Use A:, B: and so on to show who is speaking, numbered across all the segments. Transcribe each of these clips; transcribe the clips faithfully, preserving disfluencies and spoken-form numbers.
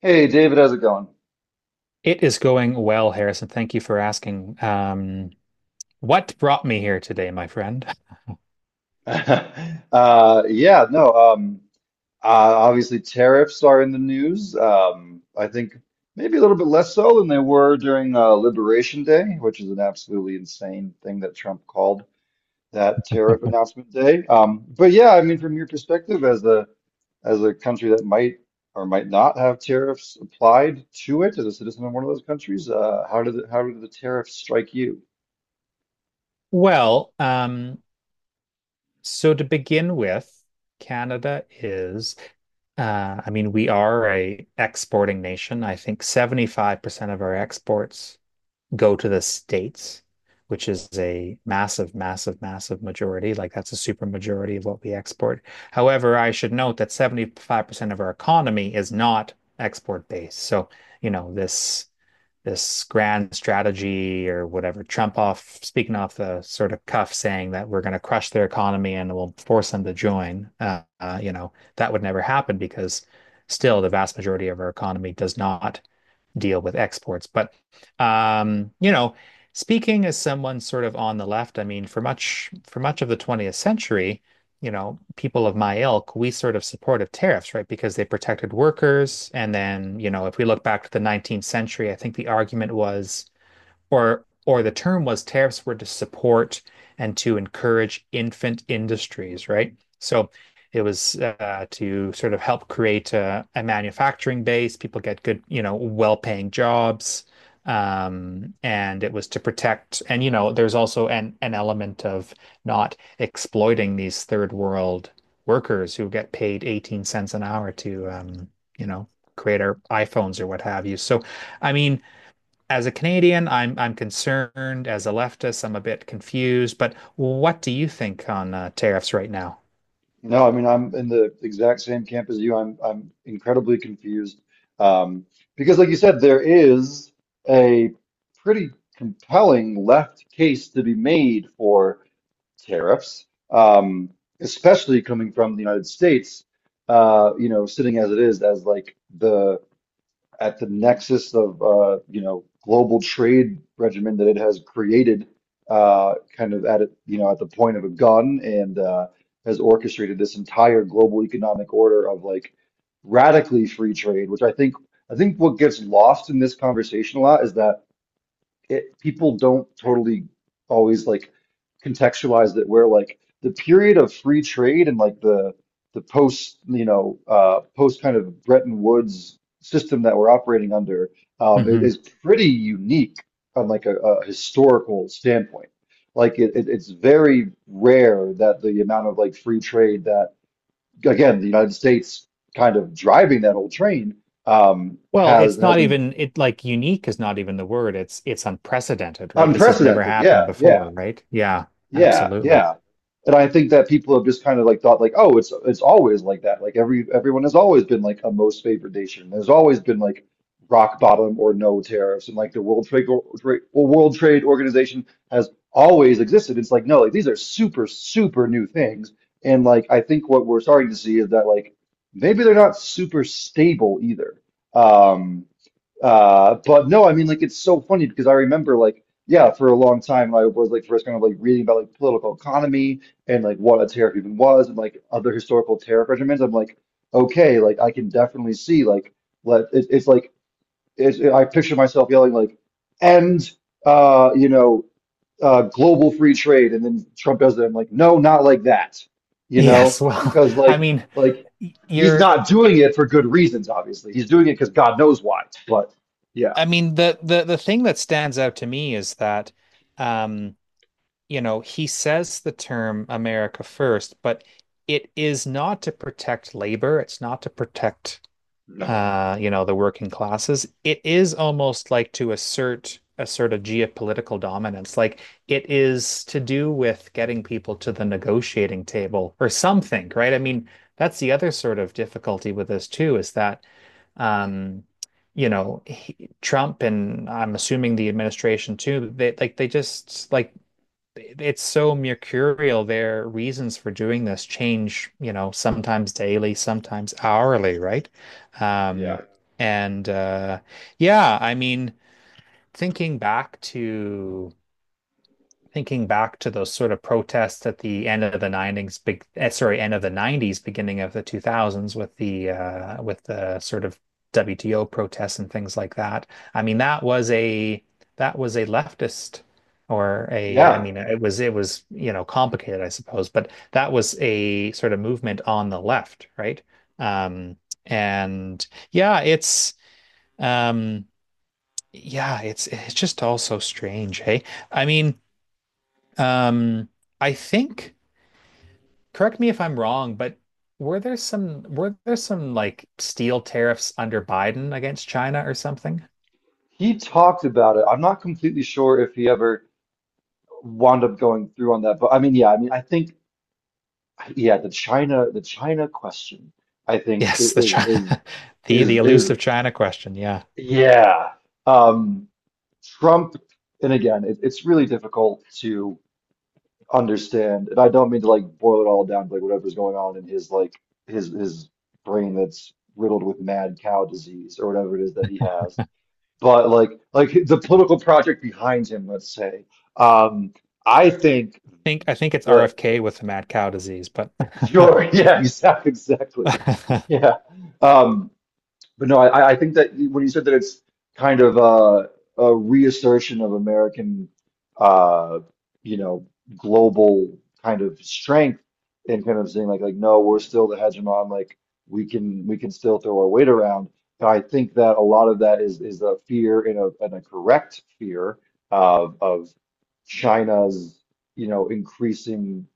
A: Hey David, how's it going?
B: It is going well, Harrison. Thank you for asking. Um, what brought me here today, my friend?
A: Uh, yeah, no, um, uh, obviously tariffs are in the news. Um, I think maybe a little bit less so than they were during uh, Liberation Day, which is an absolutely insane thing that Trump called that tariff announcement day. Um, but yeah, I mean, from your perspective as a as a country that might or might not have tariffs applied to it as a citizen of one of those countries, uh, how did the, how did the tariffs strike you?
B: Well, um, so to begin with, Canada is Uh, I mean, we are a exporting nation. I think seventy-five percent of our exports go to the States, which is a massive, massive, massive majority. Like that's a super majority of what we export. However, I should note that seventy-five percent of our economy is not export based. So, you know, this this grand strategy or whatever. Trump off speaking off the sort of cuff saying that we're going to crush their economy and we'll force them to join. Uh, uh, you know, that would never happen because still the vast majority of our economy does not deal with exports. But um, you know, speaking as someone sort of on the left, I mean, for much for much of the twentieth century, you know, people of my ilk, we sort of supported tariffs, right? Because they protected workers. And then, you know, if we look back to the nineteenth century, I think the argument was or or the term was tariffs were to support and to encourage infant industries, right? So it was uh, to sort of help create a, a manufacturing base. People get good, you know, well-paying jobs. Um, and it was to protect, and you know, there's also an an element of not exploiting these third world workers who get paid eighteen cents an hour to, um, you know, create our iPhones or what have you. So, I mean, as a Canadian, I'm I'm concerned. As a leftist, I'm a bit confused. But what do you think on uh, tariffs right now?
A: No, I mean, I'm in the exact same camp as you. I'm I'm incredibly confused. Um, because like you said, there is a pretty compelling left case to be made for tariffs, um, especially coming from the United States, uh, you know, sitting as it is as like the at the nexus of uh, you know, global trade regimen that it has created, uh, kind of at it, you know, at the point of a gun, and uh, has orchestrated this entire global economic order of like radically free trade, which I think I think what gets lost in this conversation a lot is that it people don't totally always like contextualize that, where like the period of free trade and like the the post, you know, uh post kind of Bretton Woods system that we're operating under um is,
B: Hmm.
A: is pretty unique on like a, a historical standpoint. Like it, it it's very rare that the amount of like free trade that, again, the United States kind of driving that whole train um
B: Well,
A: has
B: it's
A: has
B: not
A: been
B: even it like unique is not even the word. It's it's unprecedented, right? This has never
A: unprecedented.
B: happened
A: Yeah, yeah.
B: before, right? Yeah,
A: Yeah,
B: absolutely.
A: yeah. And I think that people have just kind of like thought like, oh, it's it's always like that. Like every everyone has always been like a most favored nation. There's always been like rock bottom or no tariffs, and like the World Trade Or- Trade- or World Trade Organization has always existed. It's like no, like these are super super new things. And like I think what we're starting to see is that like maybe they're not super stable either. Um, uh, but no, I mean, like, it's so funny because I remember, like, yeah, for a long time, I was like first kind of like reading about like political economy and like what a tariff even was and like other historical tariff regimens. I'm like, okay, like I can definitely see like let it, it's like it's, I picture myself yelling like end, uh, you know, uh, global free trade, and then Trump does it. I'm like, no, not like that, you know,
B: Yes, well,
A: because
B: I
A: like
B: mean,
A: like
B: y-
A: he's
B: you're
A: not doing it for good reasons, obviously. He's doing it because God knows why, but. Yeah.
B: I mean the the the thing that stands out to me is that um, you know, he says the term America first, but it is not to protect labor, it's not to protect
A: No.
B: uh, you know, the working classes, it is almost like to assert a sort of geopolitical dominance. Like it is to do with getting people to the negotiating table or something, right? I mean, that's the other sort of difficulty with this too, is that um, you know, he, Trump and I'm assuming the administration too, they like they just like it's so mercurial. Their reasons for doing this change, you know, sometimes daily, sometimes hourly, right?
A: Yeah.
B: Um, and uh, Yeah, I mean, thinking back to thinking back to those sort of protests at the end of the nineties, big, eh, sorry, end of the nineties, beginning of the two thousands with the uh, with the sort of W T O protests and things like that. I mean, that was a that was a leftist or a, I
A: Yeah.
B: mean, it was it was, you know, complicated, I suppose, but that was a sort of movement on the left, right? Um, and yeah, it's um yeah, it's it's just all so strange, hey? I mean, um, I think, correct me if I'm wrong, but were there some were there some like steel tariffs under Biden against China or something?
A: He talked about it. I'm not completely sure if he ever wound up going through on that, but I mean, yeah, I mean, I think, yeah, the China, the China question, I think i-
B: Yes, the
A: is is
B: China, the the
A: is is
B: elusive China question. Yeah.
A: yeah. Um, Trump, and again, it, it's really difficult to understand, and I don't mean to like boil it all down to like whatever's going on in his like his his brain that's riddled with mad cow disease or whatever it is that he has, but like like the political project behind him, let's say. Um, I think
B: think I think it's
A: the
B: R F K with the mad cow disease, but
A: sure, yeah, exactly, exactly, yeah. Um, but no, I, I think that when you said that it's kind of a, a reassertion of American, uh, you know, global kind of strength and kind of saying like, like, no, we're still the hegemon, like we can we can still throw our weight around. And I think that a lot of that is is a fear and a and a correct fear of of China's, you know, increasing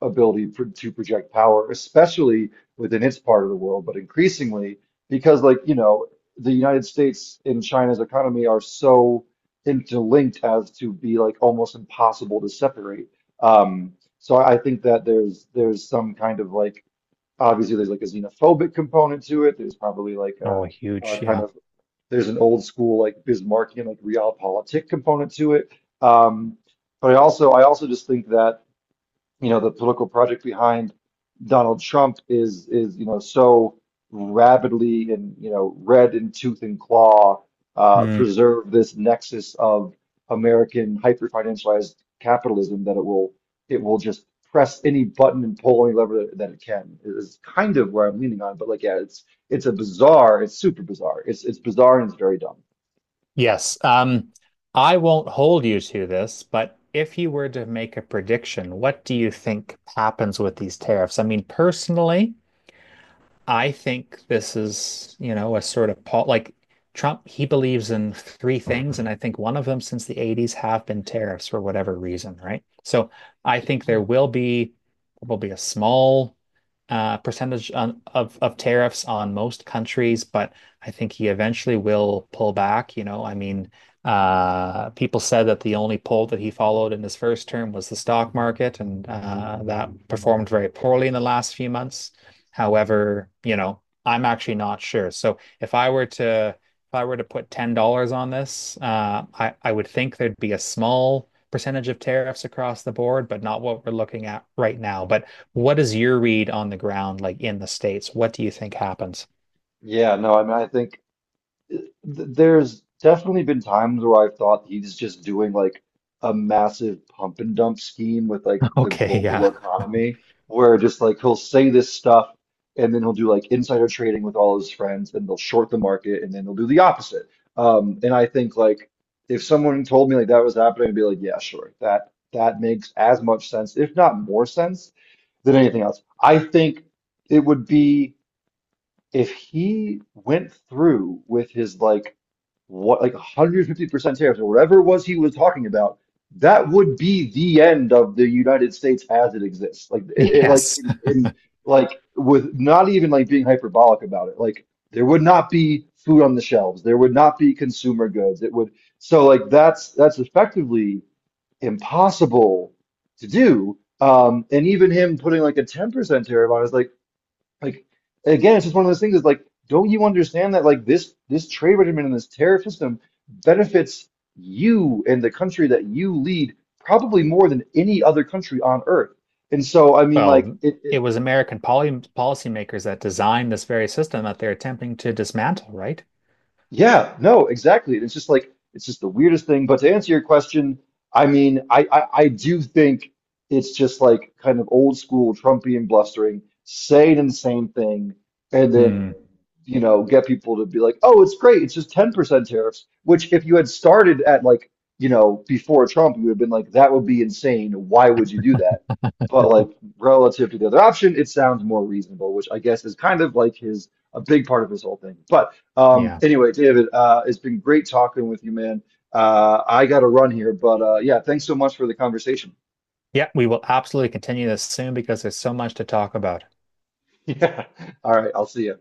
A: ability pro- to project power, especially within its part of the world, but increasingly because like, you know, the United States and China's economy are so interlinked as to be like almost impossible to separate. Um, so I I think that there's there's some kind of like, obviously there's like a xenophobic component to it. There's probably like a,
B: oh,
A: a
B: huge,
A: kind
B: yeah.
A: of, there's an old school like Bismarckian like realpolitik component to it. Um, but I also, I also just think that, you know, the political project behind Donald Trump is is you know, so rabidly and, you know, red in tooth and claw, uh,
B: Hmm.
A: preserve this nexus of American hyper financialized capitalism, that it will, it will just press any button and pull any lever that, that it can, is kind of where I'm leaning on. But like, yeah, it's it's a bizarre, it's super bizarre. It's it's bizarre and it's very dumb.
B: Yes. Um, I won't hold you to this, but if you were to make a prediction, what do you think happens with these tariffs? I mean, personally, I think this is, you know, a sort of Paul, like Trump, he believes in three things. And I think one of them since the eighties have been tariffs for whatever reason, right? So I think there will be probably a small uh, percentage on, of, of tariffs on most countries, but I think he eventually will pull back. You know, I mean, uh, people said that the only poll that he followed in his first term was the stock market, and uh, that performed very poorly in the last few months. However, you know, I'm actually not sure. So if I were to if I were to put ten dollars on this, uh, I, I would think there'd be a small percentage of tariffs across the board, but not what we're looking at right now. But what is your read on the ground, like in the States? What do you think happens?
A: Yeah, no, I mean, I think. th- there's definitely been times where I've thought he's just doing like a massive pump and dump scheme with like the
B: Okay,
A: global
B: yeah.
A: economy, where just like he'll say this stuff and then he'll do like insider trading with all his friends, then they'll short the market and then he'll do the opposite. Um, and I think like if someone told me like that was happening, I'd be like, yeah, sure, that that makes as much sense, if not more sense than anything else. I think it would be, if he went through with his like what like one hundred fifty percent tariffs or whatever it was he was talking about, that would be the end of the United States as it exists. Like it, it like
B: Yes.
A: in, in like with, not even like being hyperbolic about it. Like there would not be food on the shelves. There would not be consumer goods. It would, so like that's that's effectively impossible to do. Um, and even him putting like a ten percent tariff on is like like again, it's just one of those things is like, don't you understand that like this this trade regimen and this tariff system benefits you and the country that you lead probably more than any other country on earth. And so I mean like
B: Well,
A: it, it
B: it was American poly policymakers that designed this very system that they're attempting to dismantle, right?
A: Yeah, no, exactly. And it's just like it's just the weirdest thing. But to answer your question, I mean, I I, I do think it's just like kind of old school Trumpian blustering, say an insane thing, and then,
B: Hmm.
A: you know, get people to be like, oh, it's great, it's just ten percent tariffs. Which if you had started at like, you know, before Trump, you would have been like, that would be insane. Why would you do that? But like, relative to the other option, it sounds more reasonable, which I guess is kind of like his a big part of his whole thing. But um,
B: Yeah.
A: anyway, David, uh, it's been great talking with you, man. Uh, I got to run here, but uh, yeah, thanks so much for the conversation.
B: Yeah, we will absolutely continue this soon because there's so much to talk about.
A: Yeah. All right, I'll see you.